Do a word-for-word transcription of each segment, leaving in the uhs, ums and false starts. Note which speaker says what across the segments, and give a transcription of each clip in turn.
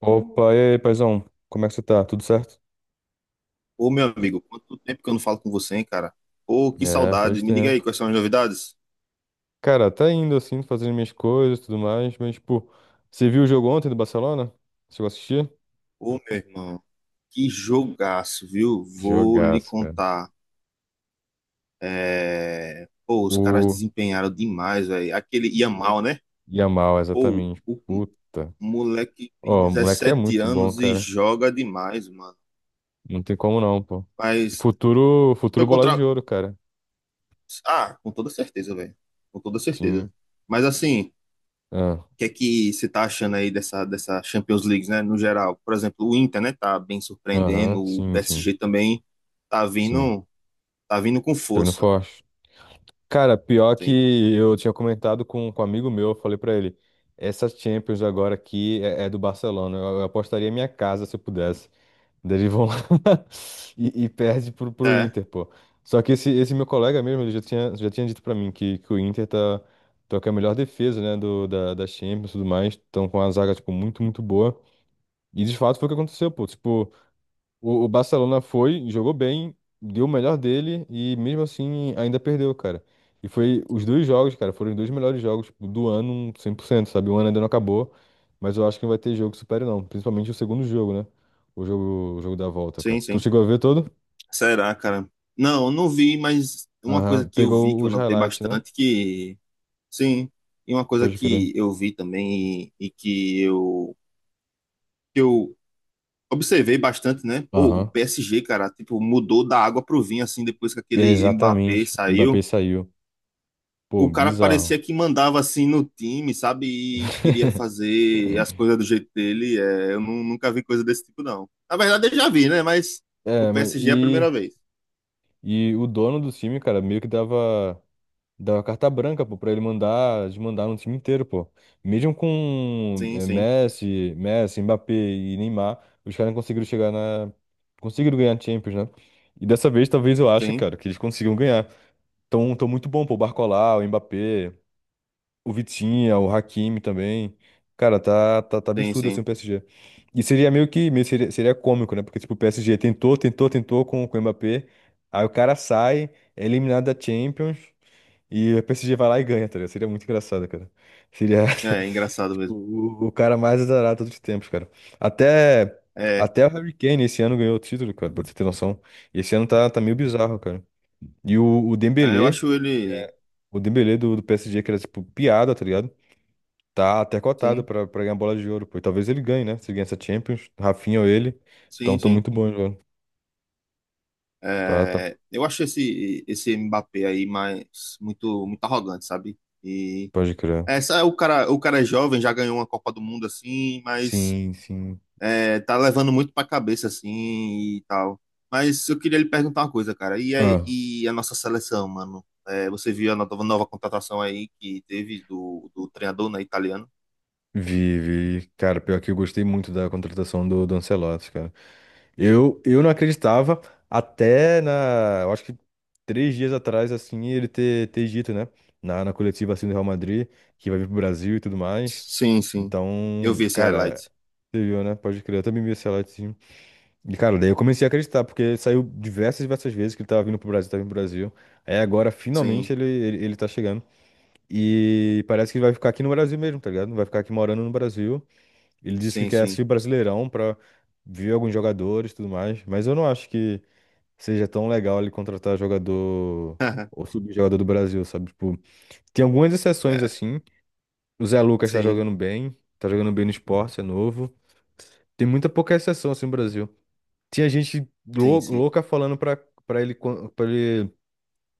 Speaker 1: Opa, e aí, paizão? Como é que você tá? Tudo certo?
Speaker 2: Ô, meu amigo, quanto tempo que eu não falo com você, hein, cara? Ô, que
Speaker 1: É, faz
Speaker 2: saudade. Me diga aí
Speaker 1: tempo.
Speaker 2: quais são as novidades.
Speaker 1: Cara, tá indo assim, fazendo minhas coisas e tudo mais, mas, tipo, você viu o jogo ontem do Barcelona? Chegou a assistir?
Speaker 2: Ô, meu irmão, que jogaço, viu? Vou lhe
Speaker 1: Jogaço, cara.
Speaker 2: contar. É... Pô, os caras
Speaker 1: O
Speaker 2: desempenharam demais, velho. Aquele Yamal, né?
Speaker 1: Yamal,
Speaker 2: Pô,
Speaker 1: exatamente.
Speaker 2: o
Speaker 1: Puta.
Speaker 2: moleque tem
Speaker 1: Ó, o moleque é
Speaker 2: dezessete
Speaker 1: muito bom,
Speaker 2: anos e
Speaker 1: cara.
Speaker 2: joga demais, mano.
Speaker 1: Não tem como não, pô.
Speaker 2: Mas
Speaker 1: Futuro,
Speaker 2: foi
Speaker 1: futuro bola
Speaker 2: contra.
Speaker 1: de ouro, cara.
Speaker 2: Ah, com toda certeza, velho. Com toda certeza.
Speaker 1: Sim.
Speaker 2: Mas assim,
Speaker 1: Ah,
Speaker 2: que é que você tá achando aí dessa, dessa Champions League, né, no geral? Por exemplo, o Inter, né, tá bem
Speaker 1: aham,
Speaker 2: surpreendendo, o
Speaker 1: sim, sim,
Speaker 2: P S G também tá
Speaker 1: sim.
Speaker 2: vindo, tá vindo com
Speaker 1: Tô indo
Speaker 2: força,
Speaker 1: forte. Cara, pior
Speaker 2: sim.
Speaker 1: que eu tinha comentado com, com um amigo meu, eu falei pra ele, essa Champions agora aqui é, é do Barcelona, eu, eu apostaria minha casa se eu pudesse. Daí eles vão lá e, e perde pro, pro
Speaker 2: É,
Speaker 1: Inter, pô. Só que esse, esse meu colega mesmo, ele já tinha, já tinha dito pra mim que, que o Inter tá, tá com a melhor defesa, né, do, da, da Champions e tudo mais, estão com a zaga, tipo, muito, muito boa. E de fato foi o que aconteceu, pô, tipo. O, o Barcelona foi, jogou bem, deu o melhor dele e mesmo assim ainda perdeu, cara. E foi os dois jogos, cara, foram os dois melhores jogos tipo, do ano um cem por cento, sabe? O ano ainda não acabou, mas eu acho que não vai ter jogo que supere não, principalmente o segundo jogo, né? O jogo, o jogo da volta, cara.
Speaker 2: sim,
Speaker 1: Tu
Speaker 2: sim.
Speaker 1: chegou a ver todo?
Speaker 2: Será, cara? Não, eu não vi, mas uma coisa
Speaker 1: Aham,
Speaker 2: que eu vi,
Speaker 1: pegou
Speaker 2: que eu
Speaker 1: os
Speaker 2: notei
Speaker 1: highlights, né?
Speaker 2: bastante, que, sim, e uma coisa
Speaker 1: Pode crer.
Speaker 2: que eu vi também e, e que eu, que eu observei bastante, né, pô, o
Speaker 1: Aham.
Speaker 2: P S G, cara, tipo, mudou da água pro vinho, assim, depois que
Speaker 1: É,
Speaker 2: aquele Mbappé
Speaker 1: exatamente. Mbappé
Speaker 2: saiu,
Speaker 1: saiu. Pô,
Speaker 2: o cara parecia
Speaker 1: bizarro.
Speaker 2: que mandava assim no time, sabe? E queria fazer as coisas do jeito dele. É, eu nu- nunca vi coisa desse tipo, não. Na verdade, eu já vi, né? Mas o
Speaker 1: É, mas
Speaker 2: P S G é a primeira
Speaker 1: e,
Speaker 2: vez.
Speaker 1: e o dono do time, cara, meio que dava. Dá carta branca, pô, pra ele mandar, desmandar no time inteiro, pô. Mesmo com
Speaker 2: Sim,
Speaker 1: eh,
Speaker 2: sim,
Speaker 1: Messi, Messi, Mbappé e Neymar, os caras não conseguiram chegar na. Conseguiram ganhar a Champions, né? E dessa vez, talvez eu ache,
Speaker 2: sim,
Speaker 1: cara, que eles consigam ganhar. Tão, tão muito bom, pô. O Barcola, o Mbappé, o Vitinha, o Hakimi também. Cara, tá, tá, tá
Speaker 2: sim,
Speaker 1: absurdo assim o
Speaker 2: sim.
Speaker 1: P S G. E seria meio que. Meio Seria, seria cômico, né? Porque, tipo, o P S G tentou, tentou, tentou com, com o Mbappé. Aí o cara sai, é eliminado da Champions. E a P S G vai lá e ganha, tá ligado? Seria muito engraçado, cara. Seria
Speaker 2: É, é engraçado
Speaker 1: tipo,
Speaker 2: mesmo.
Speaker 1: o, o cara mais azarado de todos os tempos, cara. Até,
Speaker 2: É,
Speaker 1: até o Harry Kane esse ano ganhou o título, cara, pra você ter noção. E esse ano tá, tá meio bizarro, cara. E o, o
Speaker 2: é, eu
Speaker 1: Dembélé,
Speaker 2: acho ele.
Speaker 1: é, o Dembélé do, do P S G, que era tipo piada, tá ligado? Tá até cotado
Speaker 2: Sim,
Speaker 1: pra, pra ganhar bola de ouro, pô. E talvez ele ganhe, né? Se ele ganhar essa Champions, Rafinha ou ele. Então
Speaker 2: sim,
Speaker 1: tô
Speaker 2: sim.
Speaker 1: muito bom, né, velho. Tá, tá,
Speaker 2: É, eu acho esse, esse Mbappé aí mais, muito, muito arrogante, sabe? E.
Speaker 1: pode crer.
Speaker 2: Essa, o cara, o cara é jovem, já ganhou uma Copa do Mundo assim, mas
Speaker 1: Sim, sim.
Speaker 2: é, tá levando muito pra cabeça, assim, e tal. Mas eu queria lhe perguntar uma coisa, cara. E a,
Speaker 1: Ah.
Speaker 2: e a nossa seleção, mano? É, você viu a nova, nova contratação aí que teve do, do treinador, né, italiano?
Speaker 1: Vi, vi. Cara, pior que eu gostei muito da contratação do, do Ancelotti, cara. Eu, eu não acreditava até na. Eu acho que três dias atrás, assim, ele ter, ter dito, né? Na, na coletiva assim do Real Madrid, que vai vir pro Brasil e tudo mais.
Speaker 2: Sim, sim. Eu
Speaker 1: Então,
Speaker 2: vi esse
Speaker 1: cara,
Speaker 2: highlight.
Speaker 1: você viu, né? Pode crer, eu também vi esse Ancelotti. Sim. E, cara, daí eu comecei a acreditar, porque ele saiu diversas, diversas vezes que ele tava vindo pro Brasil, tava vindo pro Brasil. Aí agora, finalmente,
Speaker 2: Sim,
Speaker 1: ele, ele, ele tá chegando. E parece que ele vai ficar aqui no Brasil mesmo, tá ligado? Vai ficar aqui morando no Brasil. Ele disse que
Speaker 2: sim,
Speaker 1: quer
Speaker 2: sim.
Speaker 1: assistir o Brasileirão pra ver alguns jogadores e tudo mais, mas eu não acho que seja tão legal ele contratar jogador ou subjogador do Brasil, sabe? Tipo, tem algumas exceções
Speaker 2: É,
Speaker 1: assim. O Zé Lucas tá
Speaker 2: sim,
Speaker 1: jogando bem, tá jogando bem no Sport, é novo. Tem muita pouca exceção assim no Brasil. Tinha gente lou-
Speaker 2: sim, sim.
Speaker 1: louca falando pra, pra ele para ele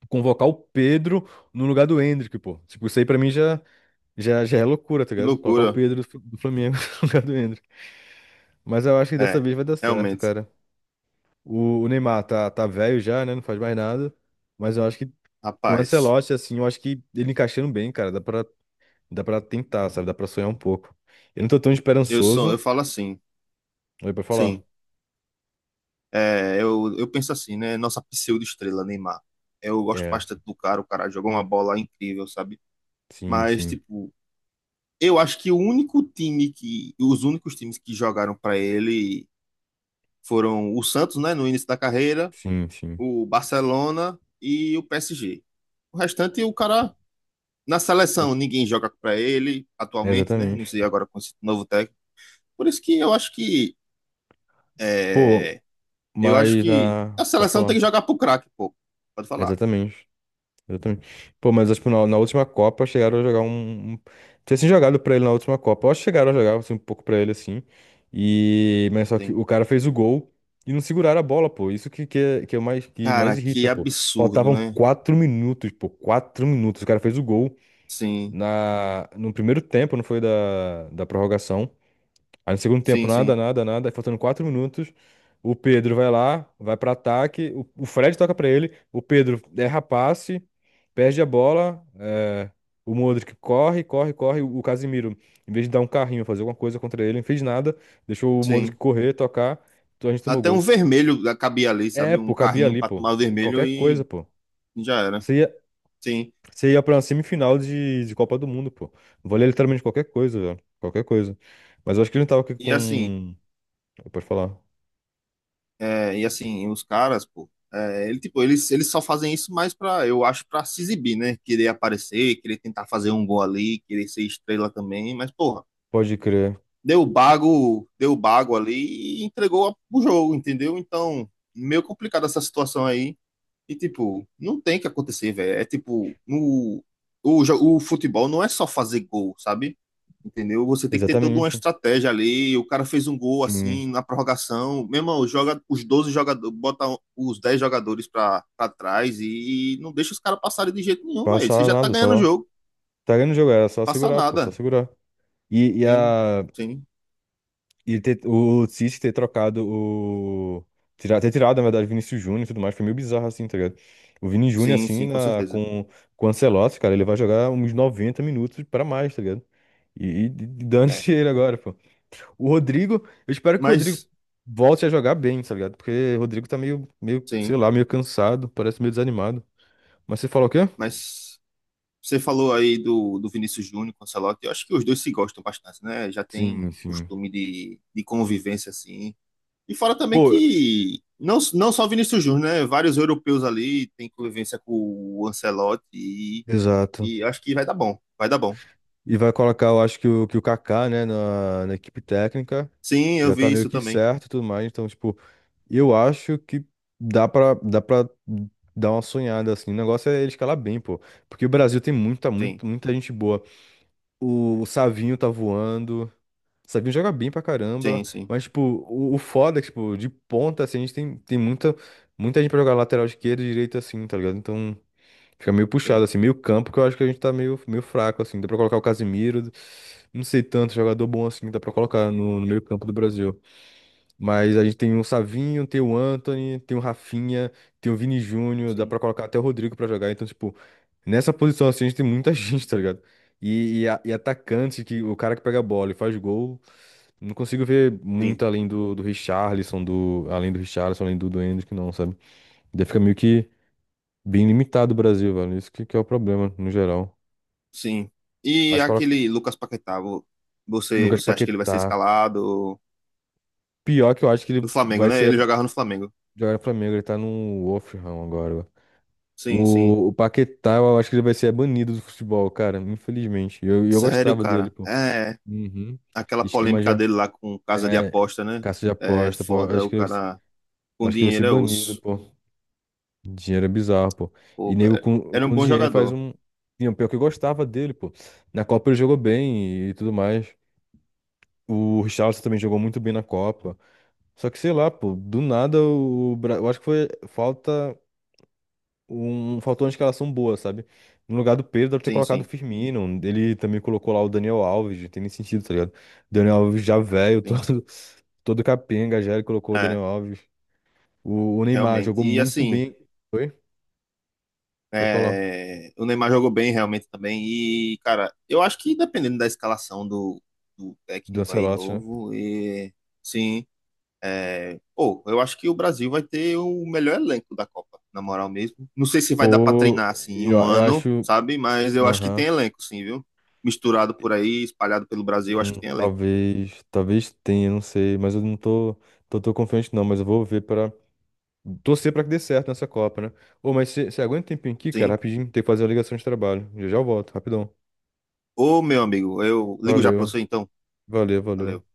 Speaker 1: convocar o Pedro no lugar do Endrick, pô. Tipo, isso aí pra mim já já, já é loucura, tá
Speaker 2: Que
Speaker 1: ligado? Colocar o
Speaker 2: loucura.
Speaker 1: Pedro do Fl- do Flamengo no lugar do Endrick. Mas eu acho que dessa
Speaker 2: É,
Speaker 1: vez vai dar certo,
Speaker 2: realmente.
Speaker 1: cara. O, o Neymar tá, tá velho já, né? Não faz mais nada. Mas eu acho que com o
Speaker 2: Rapaz,
Speaker 1: Ancelotti, assim, eu acho que ele encaixando bem, cara, dá pra, dá pra tentar, sabe? Dá pra sonhar um pouco. Eu não tô tão
Speaker 2: eu sou, eu
Speaker 1: esperançoso.
Speaker 2: falo assim.
Speaker 1: Aí pra falar.
Speaker 2: Sim. É, eu, eu penso assim, né? Nossa pseudo-estrela, Neymar. Eu gosto
Speaker 1: É,
Speaker 2: bastante do cara, o cara jogou uma bola incrível, sabe?
Speaker 1: sim,
Speaker 2: Mas,
Speaker 1: sim,
Speaker 2: tipo, eu acho que o único time que, os únicos times que jogaram para ele foram o Santos, né, no início da carreira,
Speaker 1: sim, sim.
Speaker 2: o Barcelona e o P S G. O restante, o cara. Na
Speaker 1: É,
Speaker 2: seleção, ninguém joga para ele atualmente, né? Não
Speaker 1: exatamente.
Speaker 2: sei agora com esse novo técnico. Por isso que eu acho que,
Speaker 1: Pô,
Speaker 2: é, eu acho
Speaker 1: mas
Speaker 2: que
Speaker 1: na.
Speaker 2: a
Speaker 1: Pode
Speaker 2: seleção tem
Speaker 1: falar.
Speaker 2: que jogar pro craque, pô. Pode falar.
Speaker 1: Exatamente. Exatamente. Pô, mas tipo, na, na última Copa chegaram a jogar um. um... Tinha assim jogado pra ele na última Copa. Eu acho que chegaram a jogar assim, um pouco pra ele assim. E. Mas só que
Speaker 2: Sim.
Speaker 1: o cara fez o gol e não seguraram a bola, pô. Isso que, que, é, que é o mais, que mais
Speaker 2: Cara,
Speaker 1: irrita,
Speaker 2: que
Speaker 1: pô.
Speaker 2: absurdo,
Speaker 1: Faltavam
Speaker 2: né?
Speaker 1: quatro minutos, pô. Quatro minutos. O cara fez o gol
Speaker 2: Sim,
Speaker 1: na... no primeiro tempo, não foi da, da prorrogação. Aí no segundo tempo,
Speaker 2: sim,
Speaker 1: nada,
Speaker 2: sim,
Speaker 1: nada, nada. Aí faltando quatro minutos, o Pedro vai lá, vai pra ataque. O, o Fred toca pra ele. O Pedro erra passe, perde a bola. É, o Modric corre, corre, corre. O Casimiro, em vez de dar um carrinho, fazer alguma coisa contra ele, não fez nada. Deixou o Modric
Speaker 2: sim.
Speaker 1: correr, tocar. Então a gente tomou
Speaker 2: Até um
Speaker 1: gol.
Speaker 2: vermelho cabia ali,
Speaker 1: É,
Speaker 2: sabe? Um
Speaker 1: pô, cabia
Speaker 2: carrinho
Speaker 1: ali,
Speaker 2: para
Speaker 1: pô.
Speaker 2: tomar vermelho
Speaker 1: Qualquer coisa,
Speaker 2: e
Speaker 1: pô.
Speaker 2: já era.
Speaker 1: Você ia,
Speaker 2: Sim.
Speaker 1: você ia pra uma semifinal de, de Copa do Mundo, pô. Valia literalmente qualquer coisa, velho. Qualquer coisa. Mas eu acho que ele não tava
Speaker 2: E assim,
Speaker 1: com. Pode falar.
Speaker 2: é, e assim, os caras, pô, é, ele, tipo, eles, eles só fazem isso mais pra, eu acho, pra se exibir, né? Querer aparecer, querer tentar fazer um gol ali, querer ser estrela também, mas, porra,
Speaker 1: Pode crer.
Speaker 2: deu bago, deu bago ali e entregou a- o jogo, entendeu? Então, meio complicado essa situação aí. E, tipo, não tem que acontecer, velho. É tipo, no, o, jo- o futebol não é só fazer gol, sabe? Entendeu? Você tem que ter toda uma
Speaker 1: Exatamente.
Speaker 2: estratégia ali. O cara fez um gol assim
Speaker 1: Sim.
Speaker 2: na prorrogação. Meu irmão, joga os doze jogadores, bota os dez jogadores pra, pra trás e não deixa os caras passarem de jeito nenhum, velho. Você
Speaker 1: Passar
Speaker 2: já tá
Speaker 1: nada,
Speaker 2: ganhando o
Speaker 1: só.
Speaker 2: jogo,
Speaker 1: Tá ganhando o jogo, era só
Speaker 2: passa
Speaker 1: segurar, pô, só
Speaker 2: nada.
Speaker 1: segurar. E, e
Speaker 2: Sim,
Speaker 1: a.
Speaker 2: sim,
Speaker 1: E ter, o Cis ter trocado o. Tirar, ter tirado, na verdade, Vinícius Júnior e tudo mais, foi meio bizarro assim, tá ligado? O Vini Júnior,
Speaker 2: sim,
Speaker 1: assim,
Speaker 2: sim, com
Speaker 1: na,
Speaker 2: certeza.
Speaker 1: com, com o Ancelotti, cara, ele vai jogar uns noventa minutos pra mais, tá ligado? E, e
Speaker 2: É.
Speaker 1: dane-se ele agora, pô. O Rodrigo, eu espero que o Rodrigo
Speaker 2: Mas,
Speaker 1: volte a jogar bem, tá ligado? Porque o Rodrigo tá meio, meio, sei
Speaker 2: sim,
Speaker 1: lá, meio cansado, parece meio desanimado. Mas você falou o quê?
Speaker 2: mas você falou aí do, do Vinícius Júnior com o Ancelotti. Eu acho que os dois se gostam bastante, né? Já tem
Speaker 1: Sim, sim.
Speaker 2: costume de, de convivência assim. E fora também
Speaker 1: Pô,
Speaker 2: que não, não só o Vinícius Júnior, né? Vários europeus ali têm convivência com o Ancelotti e,
Speaker 1: exato.
Speaker 2: e acho que vai dar bom. Vai dar bom.
Speaker 1: E vai colocar, eu acho que o, que o Kaká, né, na, na equipe técnica,
Speaker 2: Sim, eu
Speaker 1: já tá
Speaker 2: vi
Speaker 1: meio
Speaker 2: isso
Speaker 1: que
Speaker 2: também.
Speaker 1: certo e tudo mais. Então, tipo, eu acho que dá pra, dá pra dar uma sonhada, assim. O negócio é ele escalar bem, pô. Porque o Brasil tem muita,
Speaker 2: Sim,
Speaker 1: muita, muita gente boa. O, o Savinho tá voando. O Savinho joga bem pra caramba.
Speaker 2: sim, sim,
Speaker 1: Mas, tipo, o, o foda é que, tipo, de ponta, assim, a gente tem, tem muita, muita gente pra jogar lateral esquerda e direita, assim, tá ligado? Então. Fica meio puxado,
Speaker 2: sim,
Speaker 1: assim, meio campo, que eu acho que a gente tá meio, meio fraco, assim. Dá pra colocar o Casimiro, não sei tanto, jogador bom assim, dá pra colocar no, no meio campo do Brasil. Mas a gente tem o Savinho, tem o Anthony, tem o Rafinha, tem o Vini Júnior, dá pra
Speaker 2: sim,
Speaker 1: colocar até o Rodrigo pra jogar. Então, tipo, nessa posição assim, a gente tem muita gente, tá ligado? E, e, a- e atacante, que o cara que pega a bola e faz gol, não consigo ver
Speaker 2: sim,
Speaker 1: muito além do, do Richarlison, do, além do Richarlison, além do, do Endrick, não, sabe? Daí fica meio que. Bem limitado o Brasil, velho. Isso que, que é o problema, no geral.
Speaker 2: sim. E
Speaker 1: Mas coloca
Speaker 2: aquele Lucas Paquetá, vo- você,
Speaker 1: Lucas
Speaker 2: você acha que ele vai ser
Speaker 1: Paquetá.
Speaker 2: escalado
Speaker 1: Pior que eu acho que
Speaker 2: no
Speaker 1: ele
Speaker 2: Flamengo,
Speaker 1: vai
Speaker 2: né? Ele
Speaker 1: ser
Speaker 2: jogava no Flamengo.
Speaker 1: jogar no Flamengo. Ele tá no Wolverhampton agora, velho.
Speaker 2: Sim, sim.
Speaker 1: O, o Paquetá, eu acho que ele vai ser banido do futebol, cara. Infelizmente. E Eu, e eu
Speaker 2: Sério,
Speaker 1: gostava dele,
Speaker 2: cara.
Speaker 1: pô.
Speaker 2: É,
Speaker 1: Uhum.
Speaker 2: aquela
Speaker 1: Esquema
Speaker 2: polêmica
Speaker 1: já.
Speaker 2: dele lá com casa de
Speaker 1: É,
Speaker 2: aposta, né?
Speaker 1: caça de
Speaker 2: É
Speaker 1: aposta, pô. Eu
Speaker 2: foda.
Speaker 1: Acho
Speaker 2: O
Speaker 1: que ele, vai ser-
Speaker 2: cara
Speaker 1: eu
Speaker 2: com
Speaker 1: acho que ele vai ser
Speaker 2: dinheiro é
Speaker 1: banido,
Speaker 2: osso.
Speaker 1: pô. Dinheiro é bizarro, pô. E
Speaker 2: Pô,
Speaker 1: nego
Speaker 2: cara,
Speaker 1: com,
Speaker 2: era um
Speaker 1: com
Speaker 2: bom
Speaker 1: dinheiro faz
Speaker 2: jogador.
Speaker 1: um. E o pior que eu gostava dele, pô. Na Copa ele jogou bem e tudo mais. O Richarlison também jogou muito bem na Copa. Só que, sei lá, pô, do nada o Bra- Eu acho que foi falta um... faltou uma escalação boa, sabe? No lugar do Pedro, deve ter
Speaker 2: Sim,
Speaker 1: colocado o
Speaker 2: sim,
Speaker 1: Firmino. Ele também colocou lá o Daniel Alves, não tem nem sentido, tá ligado? Daniel Alves já velho,
Speaker 2: sim.
Speaker 1: todo, todo capenga, já ele colocou o
Speaker 2: É,
Speaker 1: Daniel Alves. O, o Neymar jogou
Speaker 2: realmente. E
Speaker 1: muito
Speaker 2: assim,
Speaker 1: bem. Foi? Foi falar.
Speaker 2: é, o Neymar jogou bem realmente também. E, cara, eu acho que dependendo da escalação do, do
Speaker 1: Do
Speaker 2: técnico aí
Speaker 1: Ancelotti, né?
Speaker 2: novo, e, sim. É, pô, eu acho que o Brasil vai ter o melhor elenco da Copa, na moral mesmo. Não sei se vai dar pra
Speaker 1: Pô,
Speaker 2: treinar assim em
Speaker 1: eu,
Speaker 2: um
Speaker 1: eu
Speaker 2: ano,
Speaker 1: acho.
Speaker 2: sabe? Mas eu acho que tem
Speaker 1: Aham.
Speaker 2: elenco, sim, viu? Misturado por aí, espalhado pelo Brasil, eu acho que
Speaker 1: Hum,
Speaker 2: tem elenco,
Speaker 1: talvez, talvez tenha, não sei, mas eu não tô, tô, tô confiante não, mas eu vou ver para torcer para que dê certo nessa Copa, né? Ô, mas você aguenta um tempinho aqui, cara,
Speaker 2: sim.
Speaker 1: rapidinho, tem que fazer a ligação de trabalho. Já já eu volto, rapidão.
Speaker 2: Ô, meu amigo, eu ligo já pra
Speaker 1: Valeu,
Speaker 2: você então.
Speaker 1: valeu, valeu.
Speaker 2: Valeu.